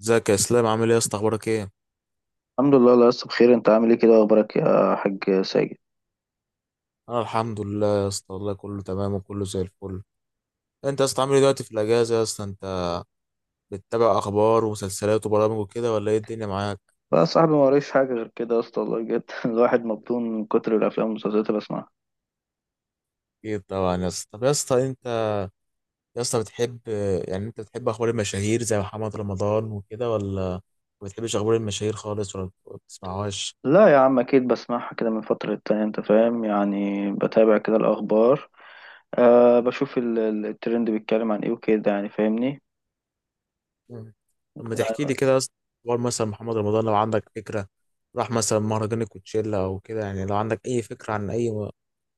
ازيك يا اسلام؟ عامل ايه يا اسطى؟ اخبارك ايه؟ الحمد لله، الله لسه بخير. انت عامل ايه كده؟ اخبارك يا حاج ساجد. انا الحمد لله يا اسطى، والله كله تمام وكله زي الفل. انت يا اسطى عامل ايه دلوقتي في الاجازه يا اسطى؟ انت بتتابع اخبار ومسلسلات وبرامج وكده ولا ايه الدنيا معاك؟ بقى يا صاحبي ما وريش حاجه غير كده يا اسطى والله بجد. الواحد مبطون من كتر الافلام والمسلسلات اللي بسمعها. اكيد طبعا يا اسطى. طب يا اسطى انت، يا اسطى بتحب يعني انت بتحب اخبار المشاهير زي محمد رمضان وكده، ولا ما بتحبش اخبار المشاهير خالص ولا ما بتسمعهاش؟ لا يا عم اكيد بسمعها كده من فتره للتانيه، انت فاهم، يعني بتابع كده الاخبار. أه بشوف الترند بيتكلم عن ايه وكده، يعني فاهمني. مم. طب ما تحكي لي كده يا اسطى اخبار مثلا محمد رمضان، لو عندك فكره راح مثلا مهرجان الكوتشيلا او كده. يعني لو عندك اي فكره عن اي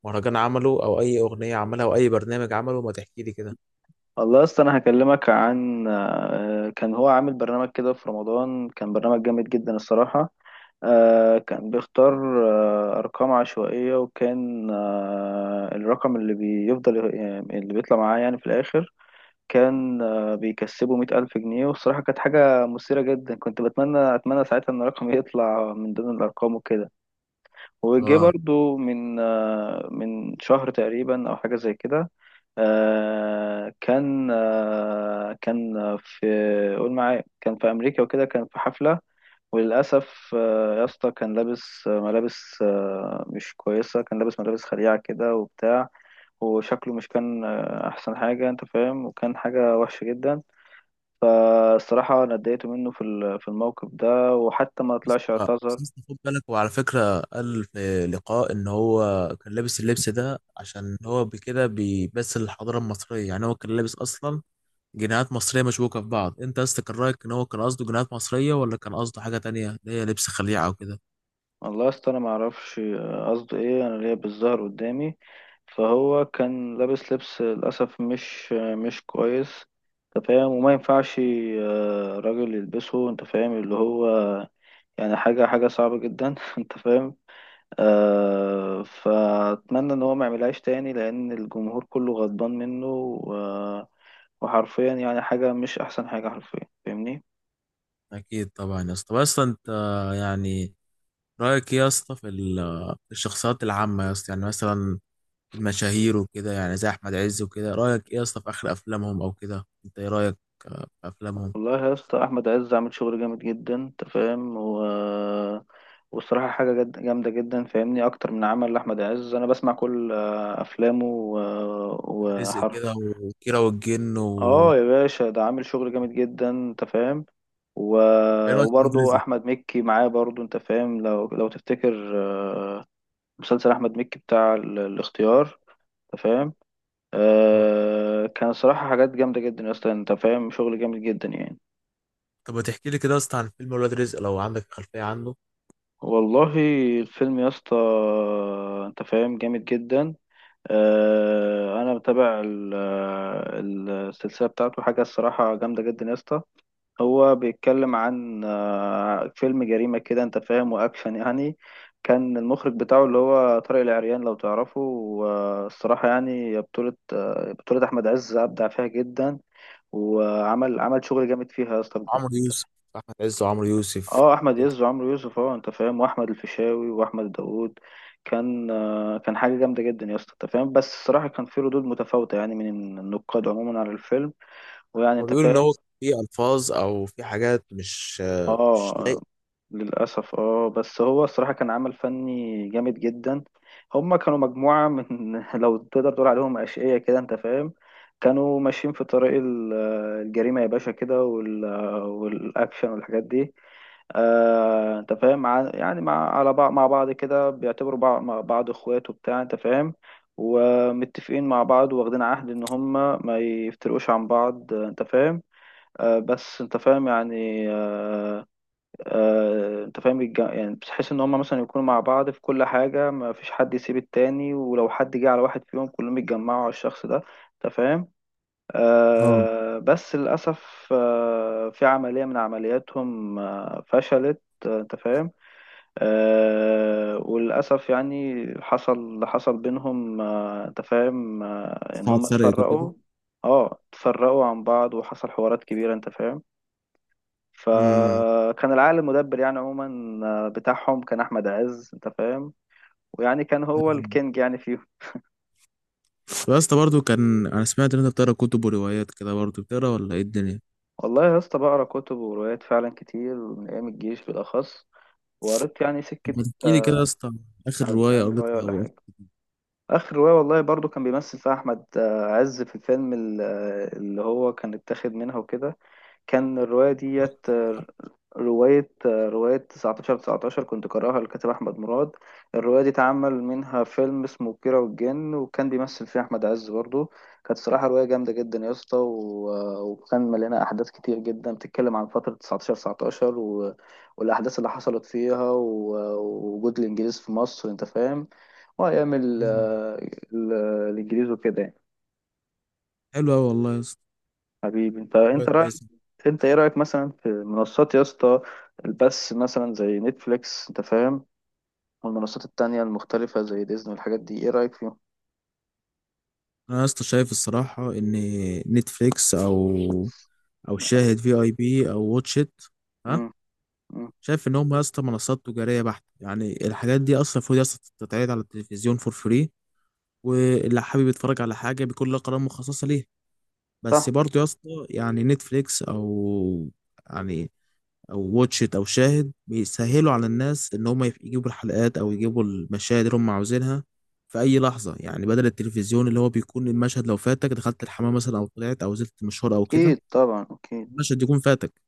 مهرجان عمله او اي اغنيه عملها او اي برنامج عمله، ما تحكي لي كده. والله يا اسطى انا هكلمك عن كان هو عامل برنامج كده في رمضان، كان برنامج جامد جدا الصراحه. كان بيختار أرقام عشوائية، وكان الرقم اللي بيفضل، يعني اللي بيطلع معاه يعني في الآخر، كان بيكسبه مئة ألف جنيه. والصراحة كانت حاجة مثيرة جدا، كنت أتمنى ساعتها إن رقمي يطلع من ضمن الأرقام وكده. وجه اه. برضو من من شهر تقريبا أو حاجة زي كده. كان في، قول معايا، كان في أمريكا وكده، كان في حفلة. وللأسف يا اسطى كان لابس ملابس مش كويسة، كان لابس ملابس خليعة كده وبتاع. وشكله مش كان أحسن حاجة، أنت فاهم، وكان حاجة وحشة جدا. فالصراحة أنا اتضايقت منه في في الموقف ده، وحتى ما بس، طلعش اعتذر. بس خد بالك، وعلى فكرة قال في لقاء إن هو كان لابس اللبس ده عشان هو بكده بيمثل الحضارة المصرية. يعني هو كان لابس أصلا جنيهات مصرية مشبوكة في بعض. أنت أصلا كان رأيك إن هو كان قصده جنيهات مصرية، ولا كان قصده حاجة تانية اللي هي لبس خليعة وكده؟ والله يا اسطى أنا معرفش قصده إيه، أنا ليا بالظهر قدامي. فهو كان لابس لبس للأسف مش مش كويس. أنت فاهم، وما ينفعش راجل يلبسه، أنت فاهم اللي هو، يعني حاجة حاجة صعبة جدا. انت فاهم. فأتمنى ان هو ما يعملهاش تاني لان الجمهور كله غضبان منه وحرفيا، يعني حاجة مش احسن حاجة حرفيا، فاهمني. اكيد طبعا يا اسطى. بس انت يعني رايك ايه يا اسطى في في الشخصيات العامه يا اسطى؟ يعني مثلا المشاهير وكده، يعني زي احمد عز وكده، رايك ايه يا اسطى في اخر افلامهم او كده؟ انت ايه رايك في افلامهم؟ والله يا اسطى احمد عز عامل شغل جامد جدا، انت فاهم، و والصراحة حاجة جد جامدة جدا، فاهمني. أكتر من عمل لأحمد عز، أنا بسمع كل أفلامه رزق وحرفيا. كده، وكيرة والجن و، اه يا باشا، ده عامل شغل جامد جدا انت فاهم و... ايه رايك في ولاد وبرضه رزق؟ احمد مكي معاه برضه، انت فاهم، لو تفتكر مسلسل احمد مكي بتاع الاختيار، انت فاهم. آه. كان صراحة حاجات جامدة جدا يا اسطى، انت فاهم، شغل جامد جدا يعني. طب ما تحكي لي كده يا اسطى عن فيلم ولاد رزق، لو عندك خلفيه عنه. والله الفيلم يا اسطى، انت فاهم، جامد جدا. انا متابع السلسلة بتاعته حاجة الصراحة جامدة جدا يا اسطى. هو بيتكلم عن فيلم جريمة كده، انت فاهم، واكشن يعني. كان المخرج بتاعه اللي هو طارق العريان لو تعرفه. والصراحة يعني بطولة أحمد عز، أبدع فيها جدا. وعمل شغل جامد فيها يا اسطى، بجد عمرو انت. يوسف، احمد عز وعمرو يوسف اه احمد كده. عز وعمرو يوسف، اه انت فاهم، واحمد الفيشاوي واحمد داوود. كان حاجه جامده جدا يا اسطى، انت فاهم، بس الصراحه كان في ردود متفاوته يعني من النقاد عموما على الفيلم. ويعني هو انت بيقول ان فاهم. هو في الفاظ او في حاجات مش، مش اه لايقه للأسف اه، بس هو الصراحة كان عمل فني جامد جدا. هما كانوا مجموعة من لو تقدر تقول عليهم أشقية كده، أنت فاهم. كانوا ماشيين في طريق الجريمة يا باشا كده والأكشن والحاجات دي. أنت فاهم يعني مع على بعض مع بعض كده، بيعتبروا بعض مع بعض إخوات وبتاع، أنت فاهم. ومتفقين مع بعض، واخدين عهد إن هما ما يفترقوش عن بعض، أنت فاهم. بس انت فاهم يعني انت فاهم يعني بتحس ان هم مثلا يكونوا مع بعض في كل حاجة، ما فيش حد يسيب التاني، ولو حد جه على واحد فيهم كلهم يتجمعوا على الشخص ده، انت فاهم. اه، بس للأسف في عملية من عملياتهم فشلت، انت فاهم. وللأسف يعني حصل اللي حصل بينهم، انت فاهم، ان ساعة هم سرقت وكده. اتفرقوا. اه، اتفرقوا عن بعض وحصل حوارات كبيرة، انت فاهم. امم فكان العقل المدبر يعني عموما بتاعهم كان احمد عز، انت فاهم، ويعني كان هو الكينج يعني فيهم. يا اسطى، برضه كان انا سمعت ان انت بتقرا كتب وروايات كده. برضه بتقرا، ولا ايه الدنيا؟ والله يا اسطى بقرا كتب وروايات فعلا كتير من ايام الجيش بالاخص، وقريت يعني سكه ما تحكي لي كده يا اسطى عن اخر روايه 40 روايه قريتها، ولا او حاجه. آخر اخر رواية والله برضو كان بيمثل فيها احمد عز، في الفيلم اللي هو كان اتاخد منها وكده. كان الرواية رواية ديت قريتها. رواية 19 19 كنت قارئها للكاتب أحمد مراد. الرواية دي اتعمل منها فيلم اسمه كيرة والجن، وكان بيمثل فيها أحمد عز برضو. كانت صراحة رواية جامدة جدا يا اسطى، وكان مليانة أحداث كتير جدا، بتتكلم عن فترة 19 19 والأحداث اللي حصلت فيها ووجود الإنجليز في مصر، أنت فاهم. وأيام مم. ال- الانجليزي وكده يعني. حلو قوي والله يا اسطى، حبيبي انت، روايه انت رايك. كويسه. انت ايه رايك مثلا في منصات يا اسطى؟ البث مثلا زي نتفليكس، انت فاهم، والمنصات التانية المختلفة زي ديزني والحاجات دي، ايه رايك فيهم؟ انا يا اسطى شايف الصراحه ان نتفليكس او، او شاهد في اي بي او واتشيت، ها، مم. مم. شايف ان هم يا اسطى منصات تجاريه بحته. يعني الحاجات دي اصلا المفروض يا اسطى تتعرض على التلفزيون فور فري، واللي حابب يتفرج على حاجه بيكون لها قناه مخصصه ليها. بس صح. برضه يا اسطى يعني نتفليكس او، يعني او واتش ات او شاهد بيسهلوا على الناس ان هم يجيبوا الحلقات او يجيبوا المشاهد اللي هم عاوزينها في اي لحظه. يعني بدل التلفزيون اللي هو بيكون المشهد لو فاتك دخلت الحمام مثلا، او طلعت او نزلت مشوار او اكيد كده، طبعا اكيد. المشهد يكون فاتك.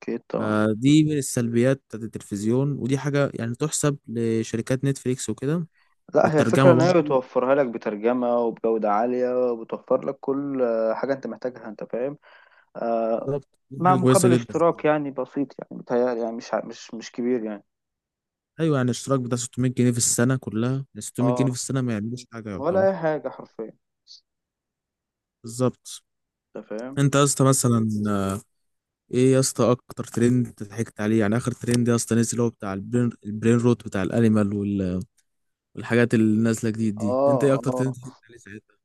اكيد طبعا. فدي من السلبيات بتاعت التلفزيون، ودي حاجه يعني تحسب لشركات نتفليكس وكده. لا هي الفكرة والترجمه ان هي برضه بتوفرها لك بترجمة وبجودة عالية، وبتوفر لك كل حاجة انت محتاجها، انت فاهم. آه. بالظبط، دي مع حاجه كويسه مقابل جدا. اشتراك يعني بسيط، يعني بتهيألي يعني مش مش كبير يعني. ايوه، يعني الاشتراك بتاع 600 جنيه في السنه كلها، يعني 600 جنيه في اه، السنه ما يعملوش حاجه ولا يعتبر. اي حاجة حرفيا، بالظبط. انت فاهم. انت يا اسطى مثلا، ايه يا اسطى اكتر ترند ضحكت عليه؟ يعني اخر ترند يا اسطى نزل اللي هو بتاع البرين، البرين روت بتاع الانيمال والحاجات اللي نازله جديد دي، اه، انت ايه اكتر ترند اه، ضحكت عليه ساعتها؟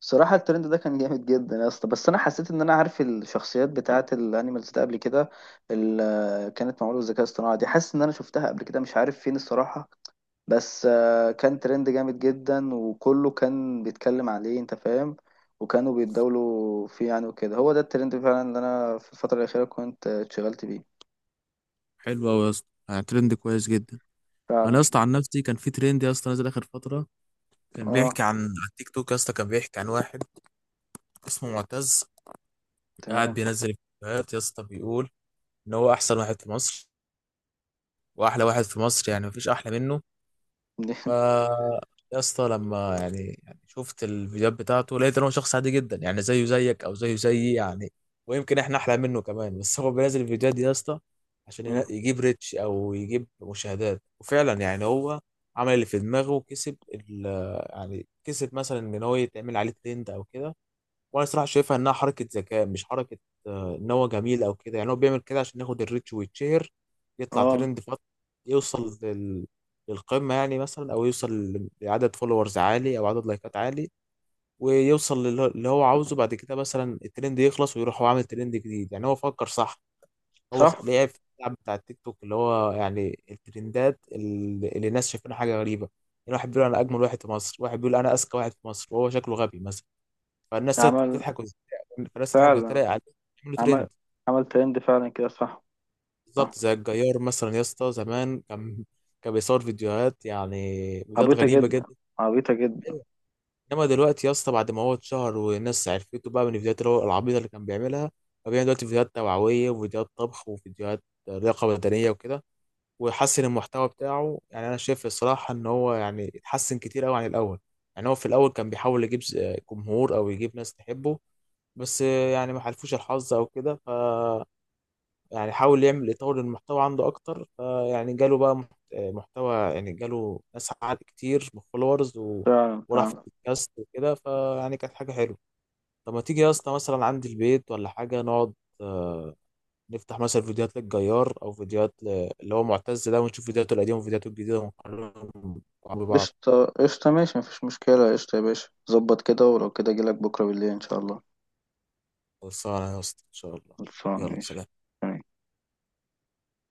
صراحة الترند ده كان جامد جدا يا اسطى، بس انا حسيت ان انا عارف الشخصيات بتاعة الانيمالز ده قبل كده. اللي كانت معمولة بالذكاء الاصطناعي دي حاسس ان انا شفتها قبل كده، مش عارف فين الصراحة. بس كان ترند جامد جدا وكله كان بيتكلم عليه، انت فاهم، وكانوا بيتداولوا فيه يعني وكده. هو ده الترند فعلا اللي انا في الفترة الأخيرة كنت اتشغلت بيه. حلو قوي يا اسطى، يعني ترند كويس جدا. انا يا فعلا. اسطى عن نفسي كان في ترند يا اسطى نازل اخر فتره، كان اه بيحكي عن، على التيك توك يا اسطى، كان بيحكي عن واحد اسمه معتز، قاعد تمام. بينزل فيديوهات يا اسطى، بيقول ان هو احسن واحد في مصر واحلى واحد في مصر، يعني مفيش احلى منه. ف يا اسطى، لما يعني شفت الفيديوهات بتاعته لقيت ان هو شخص عادي جدا، يعني زيه زيك او زيه زيي يعني، ويمكن احنا احلى منه كمان. بس هو بينزل الفيديوهات دي يا اسطى عشان يجيب ريتش او يجيب مشاهدات. وفعلا يعني هو عمل اللي في دماغه وكسب يعني كسب مثلا ان هو يتعمل عليه ترند او كده. وانا صراحه شايفها انها حركه ذكاء، مش حركه ان هو جميل او كده. يعني هو بيعمل كده عشان ياخد الريتش ويتشهر، يطلع اه ترند فتره، يوصل للقمه يعني مثلا، او يوصل لعدد فولورز عالي او عدد لايكات عالي، ويوصل اللي هو عاوزه. بعد كده مثلا الترند يخلص ويروح هو عامل ترند جديد. يعني هو فكر صح، هو صح. لعب في اللعب بتاع التيك توك، اللي هو يعني الترندات اللي الناس شايفينها حاجه غريبه. يعني واحد بيقول انا اجمل واحد في مصر، واحد بيقول انا اذكى واحد في مصر وهو شكله غبي مثلا، فالناس عمل تضحك فعلا وتتريق عليه، يعملوا عمل ترند. عمل ترند فعلا كده، صح. بالظبط صح. زي الجيار مثلا يا اسطى زمان، كان كان بيصور فيديوهات، يعني فيديوهات عبيطة غريبة جدا. جدا. عبيطة جدا. أيوة. انما دلوقتي يا اسطى بعد ما هو اتشهر والناس عرفته بقى من الفيديوهات اللي هو العبيطة اللي كان بيعملها، فبيعمل دلوقتي فيديوهات توعوية وفيديوهات طبخ وفيديوهات لياقة بدنية وكده، ويحسن المحتوى بتاعه. يعني انا شايف الصراحة ان هو يعني اتحسن كتير قوي عن الاول. يعني هو في الاول كان بيحاول يجيب جمهور او يجيب ناس تحبه، بس يعني ما حلفوش الحظ او كده. ف يعني حاول يعمل، يطور المحتوى عنده اكتر، فيعني جاله بقى محتوى، يعني جاله ناس عدد كتير من فولورز و... فعلا. وراح في فعلا. البودكاست وكده. فيعني كانت حاجه حلوه. طب ما تيجي يا اسطى مثلا عندي البيت ولا حاجه نقعد، آه، نفتح مثلا فيديوهات للجيار او فيديوهات ل... اللي هو معتز ده، ونشوف فيديوهاته القديمه وفيديوهاته الجديده ونقارنهم مع بعض. قشطة قشطة، ماشي، مفيش مشكلة، قشطة يا باشا، ظبط كده، ولو كده أجيلك بكرة بالليل إن شاء الله. خلصانه يا اسطى ان شاء الله. خلصانة يلا ماشي. سلام.